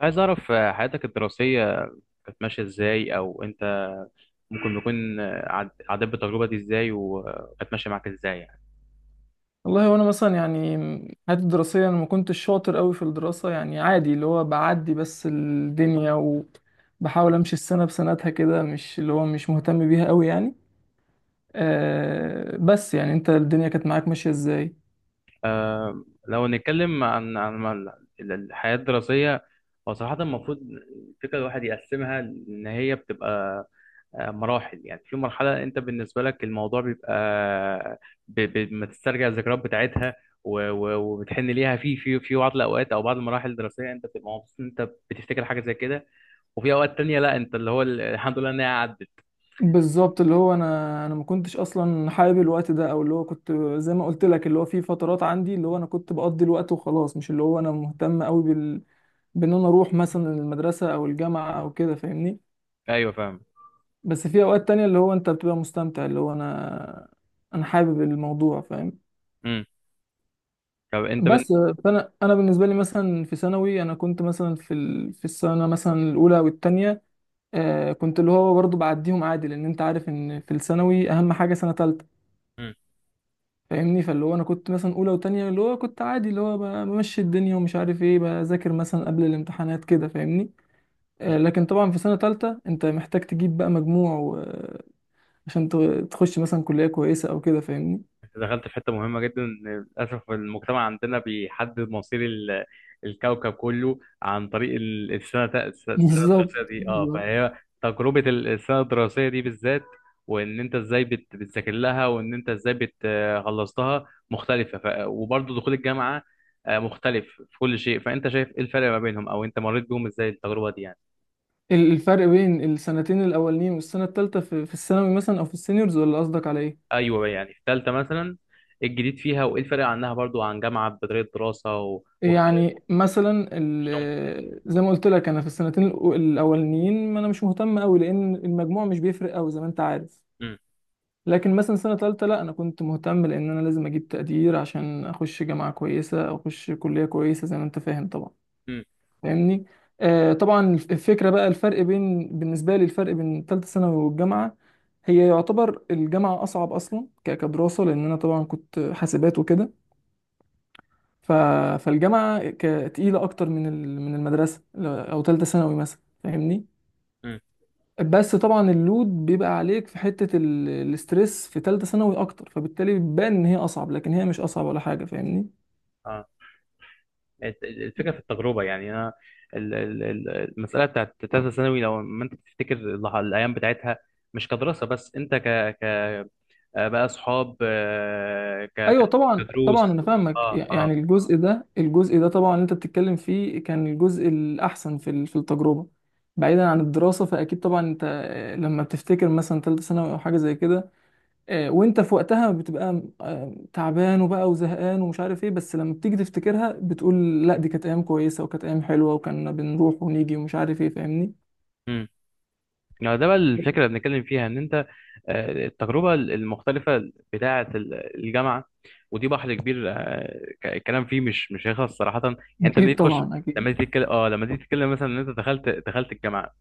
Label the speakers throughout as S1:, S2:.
S1: عايز أعرف حياتك الدراسية كانت ماشية إزاي؟ أو أنت ممكن تكون، عديت بالتجربة دي إزاي وكانت ماشية معاك إزاي يعني؟
S2: والله وانا مثلا يعني حياتي الدراسيه انا ما كنتش شاطر قوي في الدراسه يعني عادي اللي هو بعدي بس الدنيا، وبحاول امشي السنه بسنتها كده، مش اللي هو مش مهتم بيها قوي يعني. بس يعني انت الدنيا كانت معاك ماشيه ازاي؟
S1: لو نتكلم عن ما ال- ال- الحياة الدراسية، هو صراحة المفروض فكرة الواحد يقسمها إن هي بتبقى، مراحل. يعني في مرحلة أنت بالنسبة لك الموضوع بيبقى ما تسترجع الذكريات بتاعتها و- و- وبتحن ليها في بعض الأوقات، أو بعض المراحل الدراسية أنت بتبقى مبسوط إن أنت بتفتكر حاجة زي كده. وفي اوقات تانية لا، انت اللي هو الحمد لله ان هي عدت.
S2: بالظبط، اللي هو انا ما كنتش اصلا حابب الوقت ده، او اللي هو كنت زي ما قلت لك، اللي هو في فترات عندي اللي هو انا كنت بقضي الوقت وخلاص، مش اللي هو انا مهتم قوي بال، بان انا اروح مثلا المدرسه او الجامعه او كده، فاهمني.
S1: ايوه فاهم.
S2: بس في اوقات تانية اللي هو انت بتبقى مستمتع، اللي هو انا حابب الموضوع، فاهم.
S1: امم. طب انت بن...
S2: بس فانا بالنسبه لي مثلا في ثانوي انا كنت مثلا في ال... في السنه مثلا الاولى والتانية، آه كنت اللي هو برضو بعديهم عادي، لان انت عارف ان في الثانوي اهم حاجه سنه تالتة،
S1: مم.
S2: فاهمني. فاللي هو انا كنت مثلا اولى وتانية اللي هو كنت عادي، اللي هو بمشي الدنيا ومش عارف ايه، بذاكر مثلا قبل الامتحانات كده فاهمني. آه
S1: مم.
S2: لكن طبعا في سنه تالتة انت محتاج تجيب بقى مجموع و... عشان تخش مثلا كليه كويسه او كده، فاهمني.
S1: انت دخلت في حته مهمه جدا، إن للاسف المجتمع عندنا بيحدد مصير ال... الكوكب كله عن طريق السنه
S2: بالظبط
S1: الدراسيه دي. اه،
S2: بالظبط
S1: فهي تجربه السنه الدراسيه دي بالذات، وان انت ازاي بت... بتذاكر لها، وان انت ازاي بت... خلصتها مختلفه، ف... وبرضه دخول الجامعه مختلف في كل شيء. فانت شايف ايه الفرق ما بينهم، او انت مريت بيهم ازاي التجربه دي يعني؟
S2: ال، الفرق بين السنتين الاولانيين والسنه الثالثه في الثانوي مثلا، او في السينيورز، ولا قصدك على ايه؟
S1: ايوه، يعني في ثالثه مثلا ايه الجديد فيها، وايه الفرق عنها برضو عن جامعه بطريقه دراسه و... واختلاف
S2: يعني مثلا
S1: النظام بتاعها؟
S2: ال، زي ما قلت لك، انا في السنتين الاولانيين ما انا مش مهتم قوي، لان المجموع مش بيفرق قوي زي ما انت عارف.
S1: مم،
S2: لكن مثلا سنه ثالثه لا، انا كنت مهتم لان انا لازم اجيب تقدير عشان اخش جامعه كويسه او اخش كليه كويسه زي ما انت فاهم طبعا،
S1: مم،
S2: فاهمني. آه طبعا الفكره بقى، الفرق بين، بالنسبه لي الفرق بين ثالثه ثانوي والجامعه، هي يعتبر الجامعه اصعب اصلا كدراسه، لان انا طبعا كنت حاسبات وكده، ف... فالجامعه تقيله اكتر من ال... من المدرسه، او ثالثه ثانوي مثلا فاهمني.
S1: مم.
S2: بس طبعا اللود بيبقى عليك في حته ال... الاسترس في ثالثه ثانوي اكتر، فبالتالي بتبان ان هي اصعب، لكن هي مش اصعب ولا حاجه، فاهمني.
S1: اه. الفكره في التجربه، يعني انا ال- ال- ال- المساله بتاعت ثالثه ثانوي، لو ما انت تفتكر الايام بتاعتها مش كدراسه بس، انت ك ك بقى اصحاب، ك
S2: ايوه طبعا،
S1: كدروس.
S2: انا فاهمك
S1: اه
S2: يعني.
S1: اه.
S2: الجزء ده طبعا اللي انت بتتكلم فيه كان الجزء الاحسن في ال، في التجربه بعيدا عن الدراسه. فاكيد طبعا انت لما بتفتكر مثلا ثالثه ثانوي او حاجه زي كده، وانت في وقتها بتبقى تعبان وبقى وزهقان ومش عارف ايه، بس لما بتيجي تفتكرها بتقول لا دي كانت ايام كويسه وكانت ايام حلوه، وكنا بنروح ونيجي ومش عارف ايه، فاهمني.
S1: يعني ده بقى الفكرة اللي بنتكلم فيها، ان انت التجربة المختلفة بتاعة الجامعة. ودي بحر كبير، الكلام فيه مش هيخلص صراحة يعني. انت لما
S2: اكيد
S1: تيجي تخش،
S2: طبعا اكيد.
S1: لما تيجي تتكلم، اه لما تيجي تتكلم مثلا ان انت دخلت الجامعة،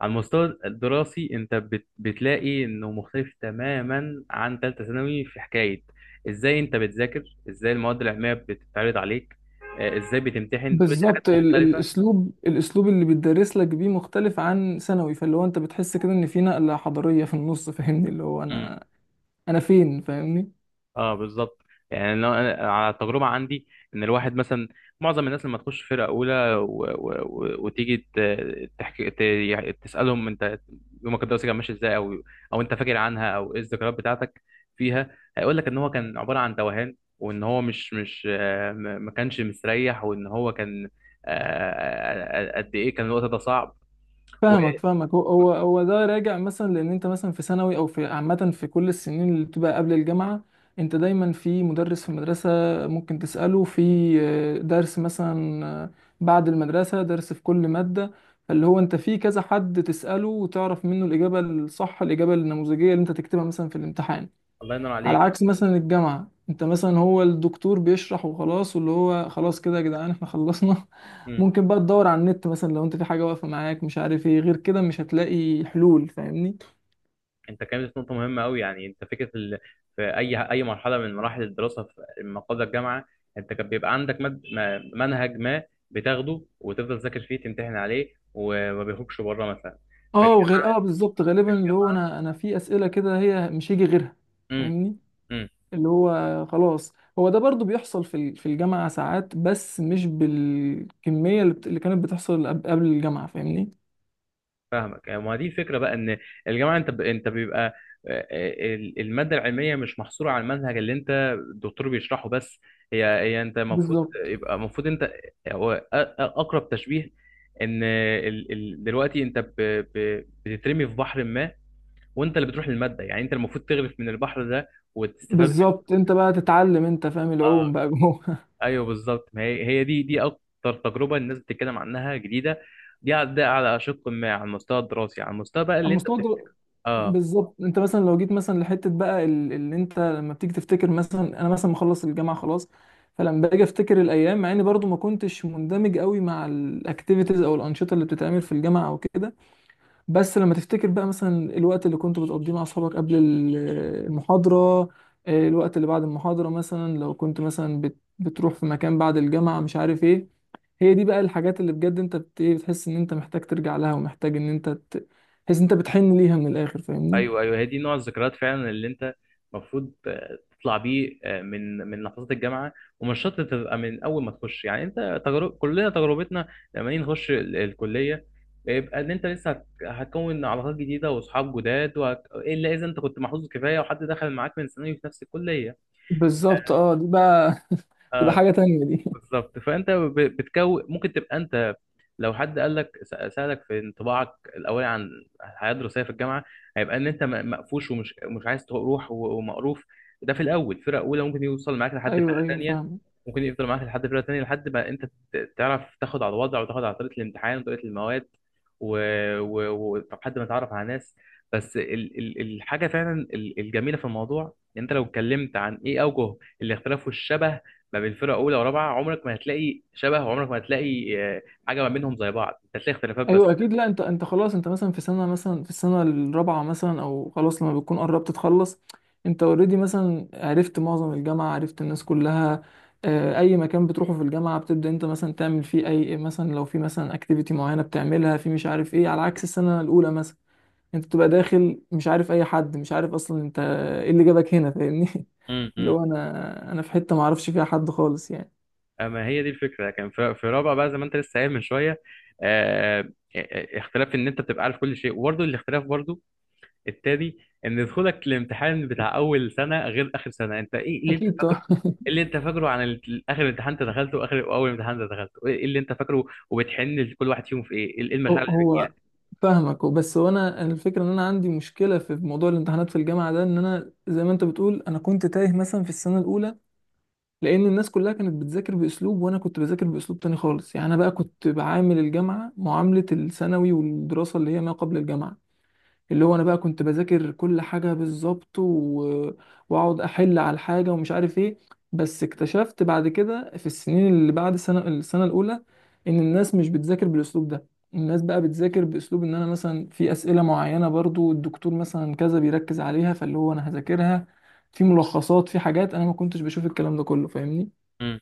S1: على المستوى الدراسي انت بتلاقي انه مختلف تماما عن ثالثة ثانوي في حكاية ازاي انت بتذاكر، ازاي المواد العلمية بتتعرض عليك، ازاي بتمتحن. كل دي حاجات
S2: بالظبط، ال،
S1: مختلفة.
S2: الاسلوب اللي بيدرس لك بيه مختلف عن ثانوي، فاللي هو انت بتحس كده ان في نقله حضاريه في النص، فاهمني، اللي هو انا فين، فاهمني.
S1: اه بالظبط. يعني لو انا على التجربه عندي، ان الواحد مثلا، معظم الناس لما تخش فرقه اولى و... و... و... وتيجي تحكي ت... يعني تسالهم انت يومك الدراسي كان ماشي ازاي، او او انت فاكر عنها، او ايه الذكريات بتاعتك فيها، هيقول لك ان هو كان عباره عن توهان، وان هو مش ما كانش مستريح، وان هو كان، قد ايه كان الوقت ده صعب. و...
S2: فاهمك فاهمك، هو ده راجع مثلا لان انت مثلا في ثانوي او في عامه في كل السنين اللي بتبقى قبل الجامعه، انت دايما في مدرس في المدرسه، ممكن تساله في درس مثلا، بعد المدرسه درس في كل ماده، اللي هو انت في كذا حد تساله وتعرف منه الاجابه الصح، الاجابه النموذجيه اللي انت تكتبها مثلا في الامتحان.
S1: الله ينور
S2: على
S1: عليك.
S2: عكس مثلا الجامعة، انت مثلا هو الدكتور بيشرح وخلاص، واللي هو خلاص كده يا جدعان احنا خلصنا
S1: إمم.
S2: ممكن بقى تدور على النت مثلا لو انت في حاجة واقفة معاك مش عارف ايه، غير كده مش هتلاقي حلول، فاهمني.
S1: انت كانت نقطة مهمة قوي، يعني انت فكرة ال... في اي مرحلة من مراحل الدراسة في ما قبل الجامعة، انت كان بيبقى عندك مد... منهج ما بتاخده وتفضل تذاكر فيه، تمتحن عليه وما بيخرجش بره مثلا. في
S2: اه وغير اه، بالظبط. غالبا اللي هو
S1: الجامعة،
S2: انا، انا في اسئلة كده هي مش هيجي غيرها،
S1: امم،
S2: فاهمني، اللي هو خلاص. هو ده برضو بيحصل في ال، في الجامعة ساعات، بس مش بالكمية اللي كانت بتحصل قبل الجامعة فاهمني.
S1: فاهمك. يعني ما دي فكرة بقى ان الجامعة انت ب... انت بيبقى، المادة العلمية مش محصورة على المنهج اللي انت، الدكتور بيشرحه بس. هي انت المفروض،
S2: بالظبط
S1: يبقى المفروض انت، هو اقرب تشبيه ان ال... ال... دلوقتي انت ب... ب... بتترمي في بحر ما، وانت اللي بتروح للمادة. يعني انت المفروض تغرف من البحر ده، وتستفاد منه.
S2: بالظبط انت بقى تتعلم انت فاهم العوم
S1: اه.
S2: بقى جوه.
S1: ايوه بالظبط، ما هي دي دي اكتر تجربة الناس بتتكلم عنها جديدة. ده على شق ما على المستوى الدراسي، على المستوى بقى اللي انت
S2: المستوى الدو-
S1: بتفتكر.
S2: بالظبط. انت مثلا لو جيت مثلا لحته بقى ال، اللي انت لما بتيجي تفتكر، مثلا انا مثلا مخلص الجامعه خلاص، فلما باجي افتكر الايام، مع اني برضو ما كنتش مندمج قوي مع الاكتيفيتيز او الانشطه اللي بتتعمل في الجامعه او كده، بس لما تفتكر بقى مثلا الوقت اللي كنت بتقضيه مع اصحابك قبل ال، المحاضره، الوقت اللي بعد المحاضره مثلا لو كنت مثلا بتروح في مكان بعد الجامعه مش عارف ايه، هي دي بقى الحاجات اللي بجد انت بت... ايه، بتحس ان انت محتاج ترجع لها ومحتاج ان انت تحس ان انت بتحن ليها من الاخر، فاهمني.
S1: ايوه ايوه، هي دي نوع الذكريات فعلا اللي انت المفروض تطلع بيه من من لحظات الجامعه. ومش شرط تبقى من اول ما تخش، يعني انت تجرب، كلنا تجربتنا لما نيجي نخش الكليه يبقى ان انت لسه هتكون علاقات جديده واصحاب جداد، وهت... الا اذا انت كنت محظوظ كفايه وحد دخل معاك من ثانوي في نفس الكليه.
S2: بالظبط، اه دي بقى تبقى
S1: آه،
S2: حاجة تانية دي.
S1: بالظبط. فانت بتكون ممكن تبقى انت، لو حد قال لك سالك في انطباعك الاولي عن الحياه الدراسيه في الجامعه، هيبقى ان انت مقفوش ومش مش عايز تروح و- ومقروف. ده في الاول فرقه اولى، ممكن يوصل معاك لحد
S2: ايوه
S1: فرقه
S2: ايوه
S1: تانيه،
S2: فاهم.
S1: ممكن يفضل معاك لحد فرقه تانيه لحد ما انت تعرف تاخد على الوضع، وتاخد على طريقه الامتحان وطريقه المواد، ولحد و... و- ولحد ما تعرف على ناس. بس ال... ال... الحاجه فعلا الجميله في الموضوع، ان انت لو اتكلمت عن ايه اوجه الاختلاف والشبه ما بين فرقه اولى ورابعه، عمرك ما هتلاقي شبه، وعمرك ما هتلاقي حاجه ما بينهم زي بعض. انت هتلاقي اختلافات
S2: ايوه
S1: بس.
S2: اكيد، لا انت، انت خلاص، انت مثلا في سنة مثلا في السنة الرابعة مثلا، او خلاص لما بتكون قربت تخلص، انت اوريدي مثلا عرفت معظم الجامعة، عرفت الناس كلها، اي مكان بتروحه في الجامعة بتبدأ انت مثلا تعمل فيه اي، مثلا لو في مثلا اكتيفيتي معينة بتعملها في مش عارف ايه، على عكس السنة الاولى مثلا، انت بتبقى داخل مش عارف اي حد، مش عارف اصلا انت ايه اللي جابك هنا، فاهمني اللي
S1: امم.
S2: هو انا في حته ما اعرفش فيها حد خالص يعني.
S1: اما هي دي الفكره. كان في في رابعه بقى زي ما انت لسه قايل من شويه، آه، آه، اختلاف ان انت بتبقى عارف كل شيء، وبرضه الاختلاف برضه التاني ان دخولك الامتحان بتاع اول سنه غير اخر سنه. انت ايه اللي انت
S2: اكيد
S1: فاكره؟
S2: طبعا.
S1: إيه اللي انت فاكره عن اخر امتحان انت دخلته، واخر واول امتحان انت دخلته، ايه إيه اللي انت فاكره؟ وبتحن لكل واحد فيهم في ايه؟ ايه
S2: هو
S1: المشاعر اللي بتجيلك؟
S2: هو فاهمك. بس هو انا الفكره ان انا عندي مشكله في موضوع الامتحانات في الجامعه ده، ان انا زي ما انت بتقول، انا كنت تايه مثلا في السنه الاولى، لان الناس كلها كانت بتذاكر باسلوب، وانا كنت بذاكر باسلوب تاني خالص يعني. انا بقى كنت بعامل الجامعه معامله الثانوي والدراسه اللي هي ما قبل الجامعه، اللي هو انا بقى كنت بذاكر كل حاجه بالظبط و... واقعد احل على الحاجه ومش عارف ايه. بس اكتشفت بعد كده في السنين اللي بعد السنه، السنه الاولى، ان الناس مش بتذاكر بالاسلوب ده، الناس بقى بتذاكر باسلوب ان انا مثلا في اسئله معينه برضو الدكتور مثلا كذا بيركز عليها، فاللي هو انا هذاكرها، في ملخصات، في حاجات انا ما كنتش بشوف الكلام ده كله، فاهمني.
S1: أمم.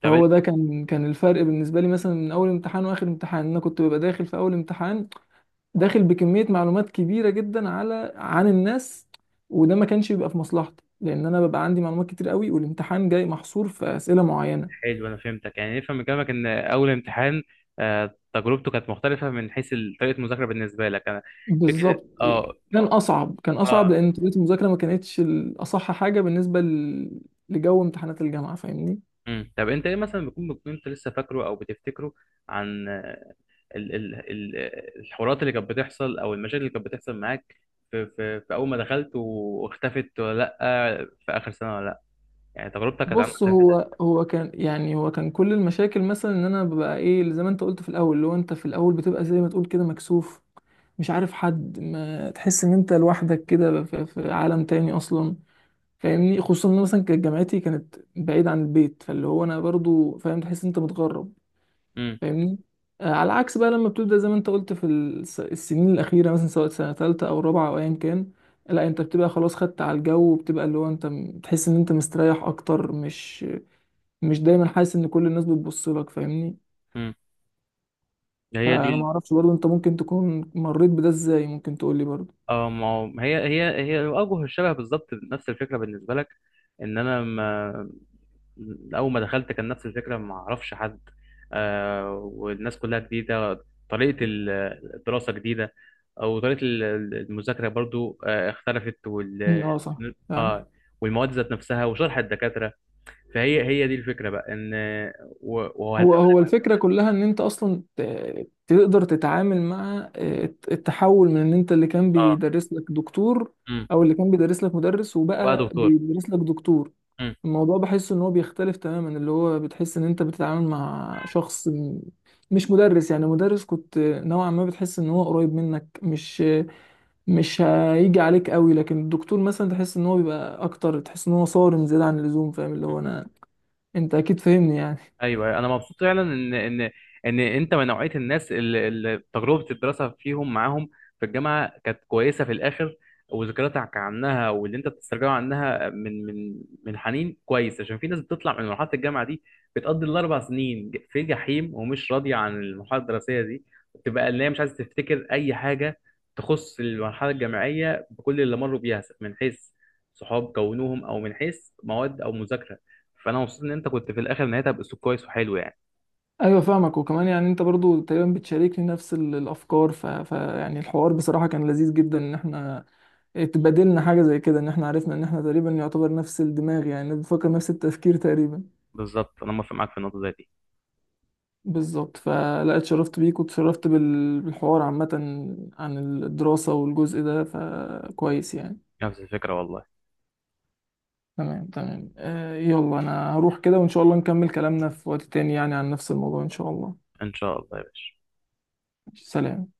S1: طب،
S2: فهو ده كان الفرق بالنسبه لي، مثلا من اول امتحان واخر امتحان، انا كنت ببقى داخل في اول امتحان داخل بكمية معلومات كبيرة جدا على عن الناس، وده ما كانش بيبقى في مصلحتي لأن أنا ببقى عندي معلومات كتير قوي، والامتحان جاي محصور في أسئلة معينة.
S1: حلو انا فهمتك. يعني نفهم من كلامك ان اول امتحان تجربته كانت مختلفه من حيث طريقه المذاكره بالنسبه لك. انا فكره.
S2: بالظبط،
S1: اه
S2: يعني كان أصعب، كان أصعب
S1: اه.
S2: لأن طريقة المذاكرة ما كانتش الأصح حاجة بالنسبة لجو امتحانات الجامعة، فاهمني.
S1: مم. طب انت ايه مثلا بيكون، انت لسه فاكره او بتفتكره عن، ال ال ال الحوارات اللي كانت بتحصل، او المشاكل اللي كانت بتحصل معاك في, اول ما دخلت واختفت، ولا لا في اخر سنه ولا لا؟ يعني تجربتك كانت عامله
S2: بص،
S1: ازاي؟
S2: هو كان، يعني هو كان كل المشاكل مثلا ان انا ببقى ايه، اللي زي ما انت قلت في الاول، اللي هو انت في الاول بتبقى زي ما تقول كده مكسوف، مش عارف حد، ما تحس ان انت لوحدك كده في، في عالم تاني اصلا، فاهمني. خصوصا ان مثلا كانت جامعتي كانت بعيد عن البيت، فاللي هو انا برضو فاهم تحس إن انت متغرب،
S1: امم
S2: فاهمني. آه على العكس بقى لما بتبدا زي ما انت قلت في السنين الاخيره، مثلا سواء سنه ثالثه او رابعه او ايا كان، لا انت بتبقى خلاص خدت على الجو، وبتبقى اللي هو انت تحس ان انت مستريح اكتر، مش مش دايما حاسس ان كل الناس بتبص لك، فاهمني.
S1: امم، هي دي
S2: فانا
S1: ال-.
S2: ما اعرفش برضو انت ممكن تكون مريت بده ازاي، ممكن تقول لي برضو.
S1: اه، ما هو- هي اوجه الشبه، بالظبط نفس الفكره بالنسبه لك، ان انا ما، اول ما دخلت كان نفس الفكره، ما اعرفش حد، آه والناس كلها جديده، طريقه الدراسه جديده، وطريقه المذاكره برضو آه اختلفت،
S2: م،
S1: وال
S2: اه صح، فعلا.
S1: اه، والمواد ذات نفسها، وشرح الدكاتره. فهي هي دي الفكره بقى ان و-
S2: هو
S1: وهتقابلك.
S2: هو الفكرة كلها ان انت اصلا تقدر تتعامل مع التحول من ان انت اللي كان
S1: اه.
S2: بيدرس لك دكتور،
S1: امم.
S2: او اللي كان بيدرس لك مدرس
S1: وبقى
S2: وبقى
S1: دكتور.
S2: بيدرس لك دكتور،
S1: امم.
S2: الموضوع بحس ان هو بيختلف تماما، اللي هو بتحس ان انت بتتعامل مع شخص مش مدرس يعني. مدرس كنت نوعا ما بتحس ان هو قريب منك، مش مش هيجي عليك قوي، لكن الدكتور مثلا تحس ان هو بيبقى اكتر، تحس ان هو صارم زيادة عن اللزوم، فاهم، اللي هو انا، انت اكيد فاهمني يعني.
S1: ايوه، انا مبسوط فعلا ان ان انت من نوعيه الناس اللي, تجربه الدراسه فيهم معاهم في الجامعه كانت كويسه في الاخر، وذكرياتك عنها واللي انت بتسترجعه عنها من حنين كويس. عشان في ناس بتطلع من مرحله الجامعه دي بتقضي الـ4 سنين في جحيم، ومش راضيه عن المرحله الدراسيه دي، بتبقى اللي هي مش عايزه تفتكر اي حاجه تخص المرحله الجامعيه بكل اللي مروا بيها، من حيث صحاب كونوهم، او من حيث مواد او مذاكره. فانا مبسوط ان انت كنت في الاخر نهايتها باسلوب كويس وحلو يعني.
S2: ايوه فاهمك، وكمان يعني انت برضو تقريبا بتشاركني نفس ال، الافكار، ف... ف يعني الحوار بصراحه كان لذيذ جدا، ان احنا اتبادلنا حاجه زي كده، ان احنا عرفنا ان احنا تقريبا يعتبر نفس الدماغ، يعني بنفكر نفس التفكير تقريبا.
S1: بالظبط، انا موافق معاك في النقطه زي دي.
S2: بالظبط فلا، اتشرفت بيك واتشرفت بال، بالحوار عامه عن الدراسه والجزء ده، فكويس يعني.
S1: نفس الفكره والله.
S2: تمام آه، يلا انا هروح كده، وان شاء الله نكمل كلامنا في وقت تاني يعني عن نفس الموضوع ان شاء الله.
S1: ان شاء الله يا باشا.
S2: سلام.